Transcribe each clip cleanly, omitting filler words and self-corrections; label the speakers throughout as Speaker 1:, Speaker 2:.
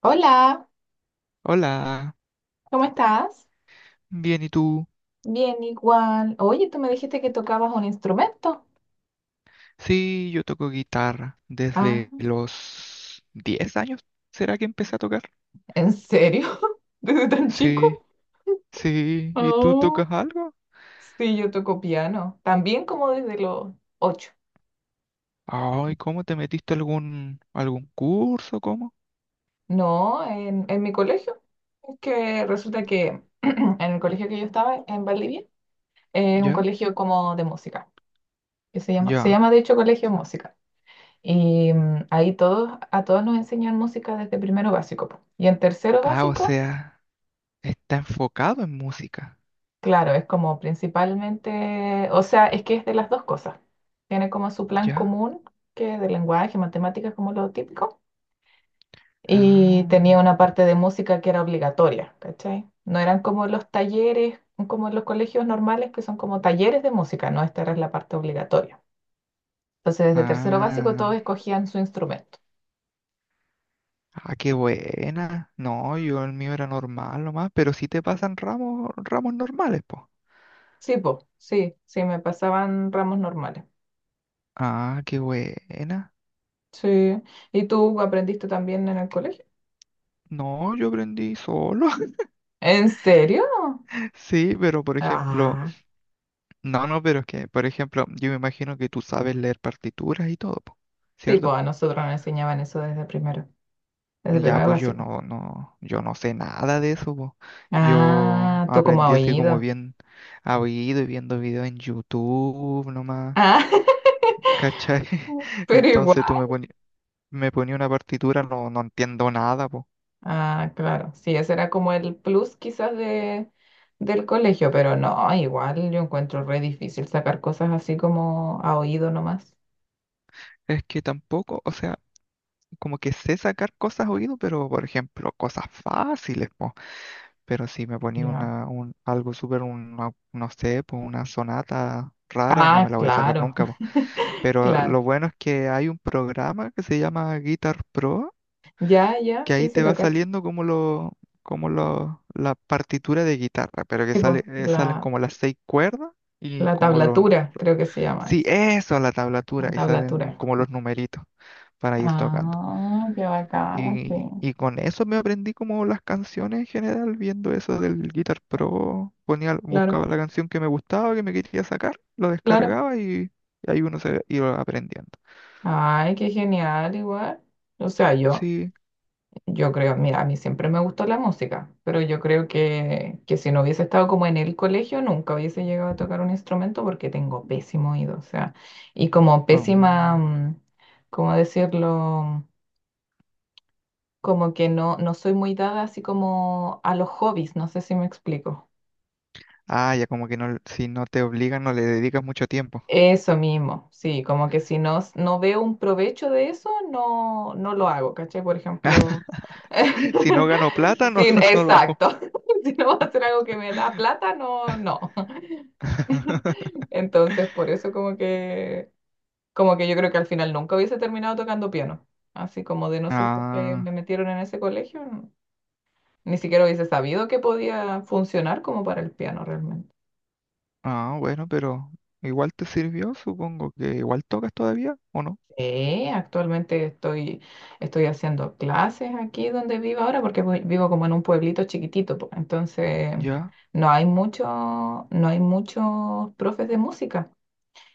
Speaker 1: Hola,
Speaker 2: Hola,
Speaker 1: ¿cómo estás?
Speaker 2: bien, ¿y tú?
Speaker 1: Bien, igual. Oye, tú me dijiste que tocabas un instrumento.
Speaker 2: Sí, yo toco guitarra
Speaker 1: Ah,
Speaker 2: desde los 10 años. ¿Será que empecé a tocar?
Speaker 1: ¿en serio? ¿Desde tan
Speaker 2: Sí,
Speaker 1: chico?
Speaker 2: sí, ¿y tú
Speaker 1: Oh,
Speaker 2: tocas algo?
Speaker 1: sí, yo toco piano. También como desde los 8.
Speaker 2: Ay, ¿cómo te metiste algún curso? ¿Cómo?
Speaker 1: No, en mi colegio. Es que resulta que en el colegio que yo estaba, en Valdivia, es un
Speaker 2: ¿Ya?
Speaker 1: colegio como de música, que se llama, se
Speaker 2: Ya.
Speaker 1: llama de hecho Colegio de Música. Y ahí a todos nos enseñan música desde primero básico, po. Y en tercero
Speaker 2: Ah, o
Speaker 1: básico.
Speaker 2: sea, está enfocado en música.
Speaker 1: Claro, es como principalmente, o sea, es que es de las dos cosas. Tiene como su plan
Speaker 2: ¿Ya?
Speaker 1: común, que es de lenguaje, matemáticas, como lo típico, y
Speaker 2: Ah,
Speaker 1: tenía una parte de música que era obligatoria, ¿cachai? No eran como los talleres, como los colegios normales, que son como talleres de música, no, esta era la parte obligatoria. Entonces, desde tercero básico
Speaker 2: ah,
Speaker 1: todos escogían su instrumento.
Speaker 2: ah, qué buena. No, yo el mío era normal nomás, pero sí te pasan ramos normales, po.
Speaker 1: Sí, po, sí, sí, me pasaban ramos normales.
Speaker 2: Ah, qué buena.
Speaker 1: Sí, ¿y tú aprendiste también en el colegio?
Speaker 2: No, yo aprendí solo.
Speaker 1: ¿En serio?
Speaker 2: Sí, pero por ejemplo,
Speaker 1: Ah,
Speaker 2: no, no, pero es que, por ejemplo, yo me imagino que tú sabes leer partituras y todo, po,
Speaker 1: sí,
Speaker 2: ¿cierto?
Speaker 1: pues a nosotros nos enseñaban eso desde primero, desde
Speaker 2: Ya,
Speaker 1: primero
Speaker 2: pues yo
Speaker 1: básico.
Speaker 2: no, no, yo no sé nada de eso, po. Yo
Speaker 1: Ah, tú como a
Speaker 2: aprendí así como
Speaker 1: oído.
Speaker 2: bien a oído y viendo videos en YouTube nomás,
Speaker 1: Ah,
Speaker 2: ¿cachai?
Speaker 1: pero
Speaker 2: Entonces tú
Speaker 1: igual.
Speaker 2: me ponías me ponía una partitura, no, no entiendo nada, po.
Speaker 1: Ah, claro. Sí, ese era como el plus quizás del colegio, pero no, igual yo encuentro re difícil sacar cosas así como a oído nomás.
Speaker 2: Es que tampoco, o sea, como que sé sacar cosas a oído, pero por ejemplo, cosas fáciles, po. Pero si me ponía
Speaker 1: Ya.
Speaker 2: algo súper, no sé, pues una sonata rara, no me
Speaker 1: Ah,
Speaker 2: la voy a sacar
Speaker 1: claro,
Speaker 2: nunca, po. Pero
Speaker 1: claro.
Speaker 2: lo bueno es que hay un programa que se llama Guitar Pro,
Speaker 1: Ya, ya,
Speaker 2: que
Speaker 1: sí,
Speaker 2: ahí
Speaker 1: sí,
Speaker 2: te
Speaker 1: lo
Speaker 2: va
Speaker 1: cacho.
Speaker 2: saliendo la partitura de guitarra, pero que
Speaker 1: Tipo,
Speaker 2: salen
Speaker 1: la,
Speaker 2: como las seis cuerdas y
Speaker 1: la
Speaker 2: como los...
Speaker 1: tablatura, creo que se llama
Speaker 2: Sí,
Speaker 1: eso.
Speaker 2: eso, la
Speaker 1: La
Speaker 2: tablatura, y salen
Speaker 1: tablatura.
Speaker 2: como los numeritos para ir tocando.
Speaker 1: Ah, qué bacán, sí.
Speaker 2: Y con eso me aprendí como las canciones en general, viendo eso del Guitar Pro, ponía,
Speaker 1: Claro.
Speaker 2: buscaba la canción que me gustaba, que me quería sacar, lo
Speaker 1: Claro.
Speaker 2: descargaba y ahí uno se iba aprendiendo.
Speaker 1: Ay, qué genial, igual. O sea, yo,
Speaker 2: Sí.
Speaker 1: yo creo, mira, a mí siempre me gustó la música, pero yo creo que si no hubiese estado como en el colegio, nunca hubiese llegado a tocar un instrumento porque tengo pésimo oído, o sea, y como pésima,
Speaker 2: Mm.
Speaker 1: ¿cómo decirlo? Como que no, no soy muy dada así como a los hobbies, no sé si me explico.
Speaker 2: Ah, ya como que no, si no te obligan, no le dedicas mucho tiempo.
Speaker 1: Eso mismo, sí, como que si no, no veo un provecho de eso, no, no lo hago, ¿cachai? Por ejemplo,
Speaker 2: Si no gano plata,
Speaker 1: sí,
Speaker 2: no, no lo hago.
Speaker 1: exacto, si no va a ser algo que me da plata, no, no. Entonces, por eso como que yo creo que al final nunca hubiese terminado tocando piano, así como de no ser porque
Speaker 2: Ah,
Speaker 1: me metieron en ese colegio, ni siquiera hubiese sabido que podía funcionar como para el piano realmente.
Speaker 2: ah, bueno, pero igual te sirvió, supongo que igual tocas todavía, ¿o no?
Speaker 1: Sí, actualmente estoy haciendo clases aquí donde vivo ahora porque vivo como en un pueblito chiquitito, po. Entonces
Speaker 2: Ya.
Speaker 1: no hay muchos profes de música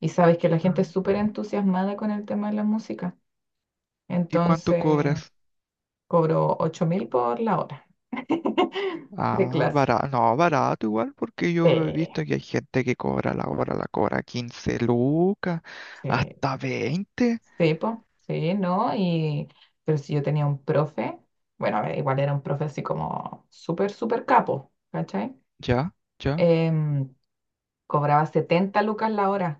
Speaker 1: y sabes que la gente
Speaker 2: Ah,
Speaker 1: es súper entusiasmada con el tema de la música.
Speaker 2: ¿y cuánto
Speaker 1: Entonces
Speaker 2: cobras?
Speaker 1: cobro 8.000 por la hora de
Speaker 2: Ah,
Speaker 1: clase.
Speaker 2: barato, no, barato igual, porque
Speaker 1: Sí,
Speaker 2: yo he visto que hay gente que cobra la hora, la cobra 15 lucas,
Speaker 1: sí.
Speaker 2: hasta 20.
Speaker 1: Sí, po, sí, ¿no? Pero si yo tenía un profe, bueno, a ver, igual era un profe así como súper, súper capo, ¿cachai?
Speaker 2: Ya, ya,
Speaker 1: Em, cobraba 70 lucas la hora.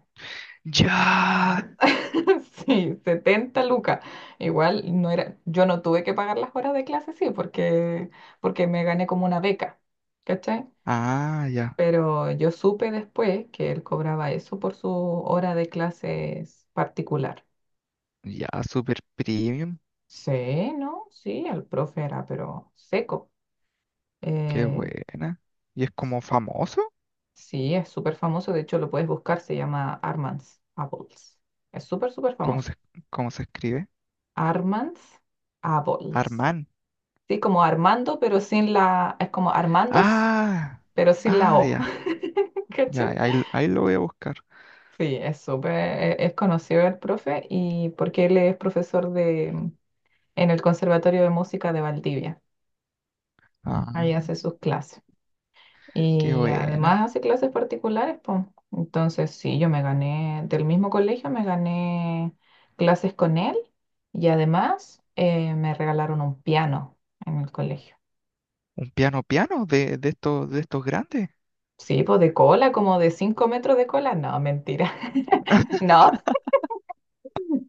Speaker 2: ya.
Speaker 1: Sí, 70 lucas. Igual no era, yo no tuve que pagar las horas de clase, sí, porque me gané como una beca, ¿cachai?
Speaker 2: Ah, ya,
Speaker 1: Pero yo supe después que él cobraba eso por su hora de clases particular.
Speaker 2: ya, super premium,
Speaker 1: Sí, ¿no? Sí, el profe era, pero seco.
Speaker 2: qué
Speaker 1: Eh,
Speaker 2: buena. ¿Y es como famoso?
Speaker 1: sí, es súper famoso. De hecho, lo puedes buscar. Se llama Armands Apples. Es súper, súper
Speaker 2: ¿Cómo
Speaker 1: famoso.
Speaker 2: se, cómo se escribe?
Speaker 1: Armands Apples.
Speaker 2: Armán.
Speaker 1: Sí, como Armando, pero sin la... Es como Armandos,
Speaker 2: Ah,
Speaker 1: pero sin la
Speaker 2: ah,
Speaker 1: O.
Speaker 2: ya, ya,
Speaker 1: ¿Cachai?
Speaker 2: ahí, ahí lo voy a buscar.
Speaker 1: Sí, es conocido el profe y porque él es profesor en el Conservatorio de Música de Valdivia.
Speaker 2: Ah,
Speaker 1: Ahí hace sus clases.
Speaker 2: qué
Speaker 1: Y además
Speaker 2: buena.
Speaker 1: hace clases particulares, pues. Entonces, sí, del mismo colegio me gané clases con él y además me regalaron un piano en el colegio.
Speaker 2: ¿Un piano piano de, de estos grandes?
Speaker 1: Sí, pues de cola, como de 5 metros de cola. No, mentira. No,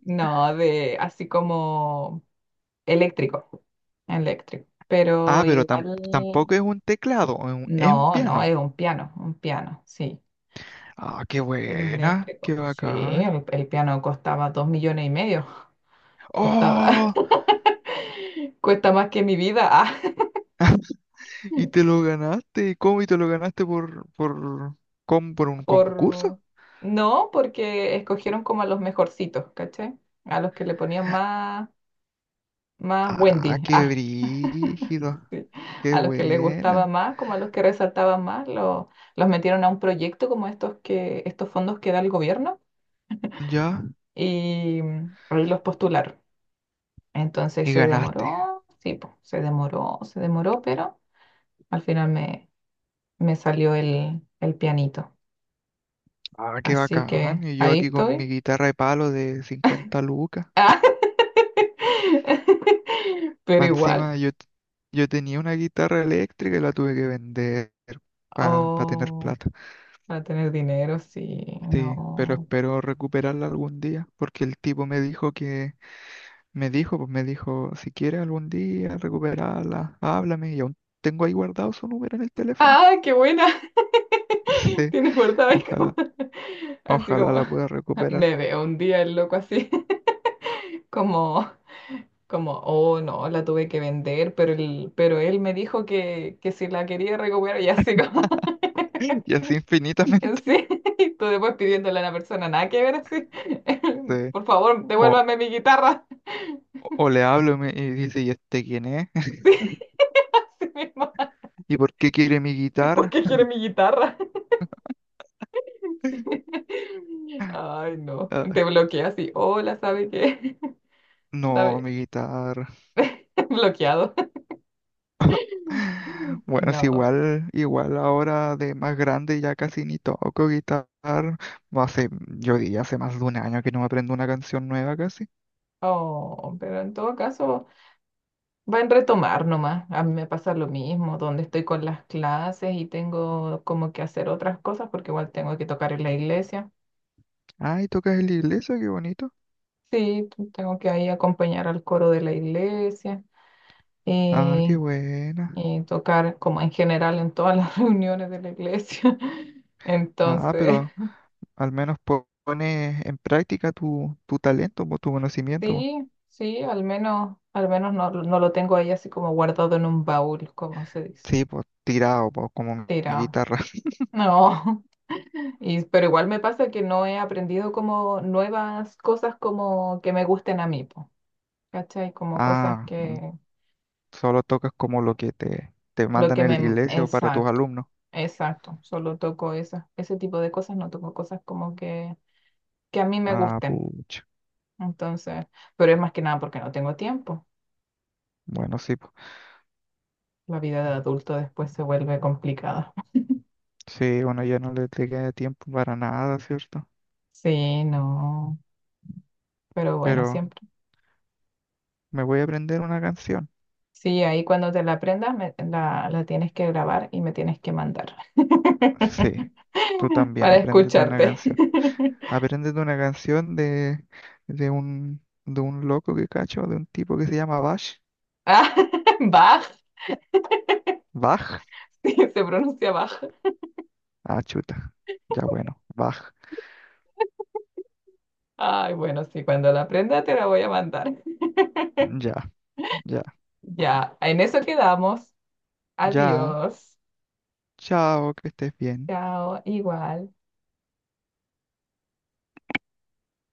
Speaker 1: no, de así como eléctrico, eléctrico.
Speaker 2: Ah,
Speaker 1: Pero
Speaker 2: pero
Speaker 1: igual,
Speaker 2: tampoco es un teclado, es un
Speaker 1: no, no,
Speaker 2: piano.
Speaker 1: es un piano, sí.
Speaker 2: Ah, qué
Speaker 1: Era
Speaker 2: buena, qué
Speaker 1: eléctrico. Sí,
Speaker 2: bacán.
Speaker 1: el piano costaba 2,5 millones. Costaba-
Speaker 2: ¡Oh!
Speaker 1: Cuesta más que mi vida. Ah.
Speaker 2: Y te lo ganaste. ¿Cómo? ¿Y te lo ganaste por un
Speaker 1: por...
Speaker 2: concurso?
Speaker 1: No, porque escogieron como a los mejorcitos, ¿cachai? A los que le ponían más, más
Speaker 2: Ah,
Speaker 1: Wendy.
Speaker 2: qué
Speaker 1: Ah,
Speaker 2: brígido,
Speaker 1: sí.
Speaker 2: qué
Speaker 1: A los que les gustaba
Speaker 2: buena.
Speaker 1: más, como a los que resaltaban más, los metieron a un proyecto como estos estos fondos que da el gobierno
Speaker 2: Ya,
Speaker 1: y ahí los postularon. Entonces
Speaker 2: y
Speaker 1: se
Speaker 2: ganaste.
Speaker 1: demoró, sí, po, se demoró, pero al final me salió el pianito.
Speaker 2: Ah, qué
Speaker 1: Así que
Speaker 2: bacán. Y yo
Speaker 1: ahí
Speaker 2: aquí con
Speaker 1: estoy.
Speaker 2: mi guitarra de palo de 50 lucas.
Speaker 1: Pero
Speaker 2: Más
Speaker 1: igual,
Speaker 2: encima yo tenía una guitarra eléctrica y la tuve que vender para tener
Speaker 1: oh,
Speaker 2: plata.
Speaker 1: para tener dinero, sí,
Speaker 2: Sí, pero
Speaker 1: no.
Speaker 2: espero recuperarla algún día, porque el tipo me dijo que, me dijo, pues me dijo, si quieres algún día recuperarla, háblame, y aún tengo ahí guardado su número en el teléfono.
Speaker 1: ¡Ah, qué buena!
Speaker 2: Sí,
Speaker 1: Tienes guardado ahí
Speaker 2: ojalá,
Speaker 1: así
Speaker 2: ojalá
Speaker 1: como,
Speaker 2: la pueda recuperar.
Speaker 1: me veo un día el loco así, como, como, oh, no, la tuve que vender, pero él me dijo que si la quería recuperar y así como,
Speaker 2: Y así
Speaker 1: en
Speaker 2: infinitamente.
Speaker 1: sí, y tú después pidiéndole a una persona nada que ver así,
Speaker 2: Sí.
Speaker 1: por favor,
Speaker 2: O,
Speaker 1: devuélvame mi guitarra.
Speaker 2: o le hablo y, y dice, ¿y este quién es?
Speaker 1: Sí. Sí, mi hermana.
Speaker 2: ¿Y por qué quiere mi
Speaker 1: ¿Por
Speaker 2: guitarra?
Speaker 1: qué quiere mi guitarra? Sí. Ay, no.
Speaker 2: Ah,
Speaker 1: Te bloquea así. Hola, ¿sabe qué?
Speaker 2: no,
Speaker 1: ¿Sabe?
Speaker 2: mi guitarra.
Speaker 1: Bloqueado.
Speaker 2: Bueno, es
Speaker 1: No.
Speaker 2: igual, igual ahora de más grande ya casi ni toco guitarra. No Hace, yo diría hace más de un año que no me aprendo una canción nueva casi.
Speaker 1: Oh, pero en todo caso, va en retomar nomás. A mí me pasa lo mismo, donde estoy con las clases y tengo como que hacer otras cosas, porque igual tengo que tocar en la iglesia.
Speaker 2: Ay, tocas en la iglesia, qué bonito.
Speaker 1: Sí, tengo que ahí acompañar al coro de la iglesia,
Speaker 2: Ah, qué buena.
Speaker 1: y tocar como en general en todas las reuniones de la iglesia.
Speaker 2: Ah,
Speaker 1: Entonces,
Speaker 2: pero al menos pones en práctica tu talento, po, tu conocimiento, po.
Speaker 1: sí, sí, al menos no, no lo tengo ahí así como guardado en un baúl, como se dice,
Speaker 2: Sí, pues tirado, pues como mi
Speaker 1: tirado.
Speaker 2: guitarra.
Speaker 1: No, pero igual me pasa que no he aprendido como nuevas cosas como que me gusten a mí, po, ¿cachai? Como cosas
Speaker 2: Ah,
Speaker 1: que,
Speaker 2: solo tocas como lo que te
Speaker 1: lo
Speaker 2: mandan
Speaker 1: que
Speaker 2: en la
Speaker 1: me,
Speaker 2: iglesia o para tus
Speaker 1: exacto.
Speaker 2: alumnos.
Speaker 1: Exacto, solo toco esas, ese tipo de cosas, no toco cosas como que a mí me
Speaker 2: Ah,
Speaker 1: gusten.
Speaker 2: pucha.
Speaker 1: Entonces, pero es más que nada porque no tengo tiempo.
Speaker 2: Bueno, sí.
Speaker 1: La vida de adulto después se vuelve complicada.
Speaker 2: Sí, bueno, ya no le queda tiempo para nada, ¿cierto?
Speaker 1: Sí, no, pero bueno,
Speaker 2: Pero
Speaker 1: siempre.
Speaker 2: me voy a aprender una canción.
Speaker 1: Sí, ahí cuando te la aprendas, la tienes que grabar y me tienes que mandar
Speaker 2: Sí, tú también,
Speaker 1: para
Speaker 2: apréndete una
Speaker 1: escucharte.
Speaker 2: canción. Apréndete una canción de un loco que cacho, de un tipo que se llama Bach.
Speaker 1: Ah, Bach,
Speaker 2: Bach.
Speaker 1: sí, se pronuncia Bach.
Speaker 2: Ah, chuta. Ya bueno, Bach.
Speaker 1: Ay, bueno, sí, cuando la aprenda te la voy a mandar.
Speaker 2: Ya, ya,
Speaker 1: Ya, en eso quedamos.
Speaker 2: ya.
Speaker 1: Adiós.
Speaker 2: Chao, que estés bien.
Speaker 1: Chao, igual.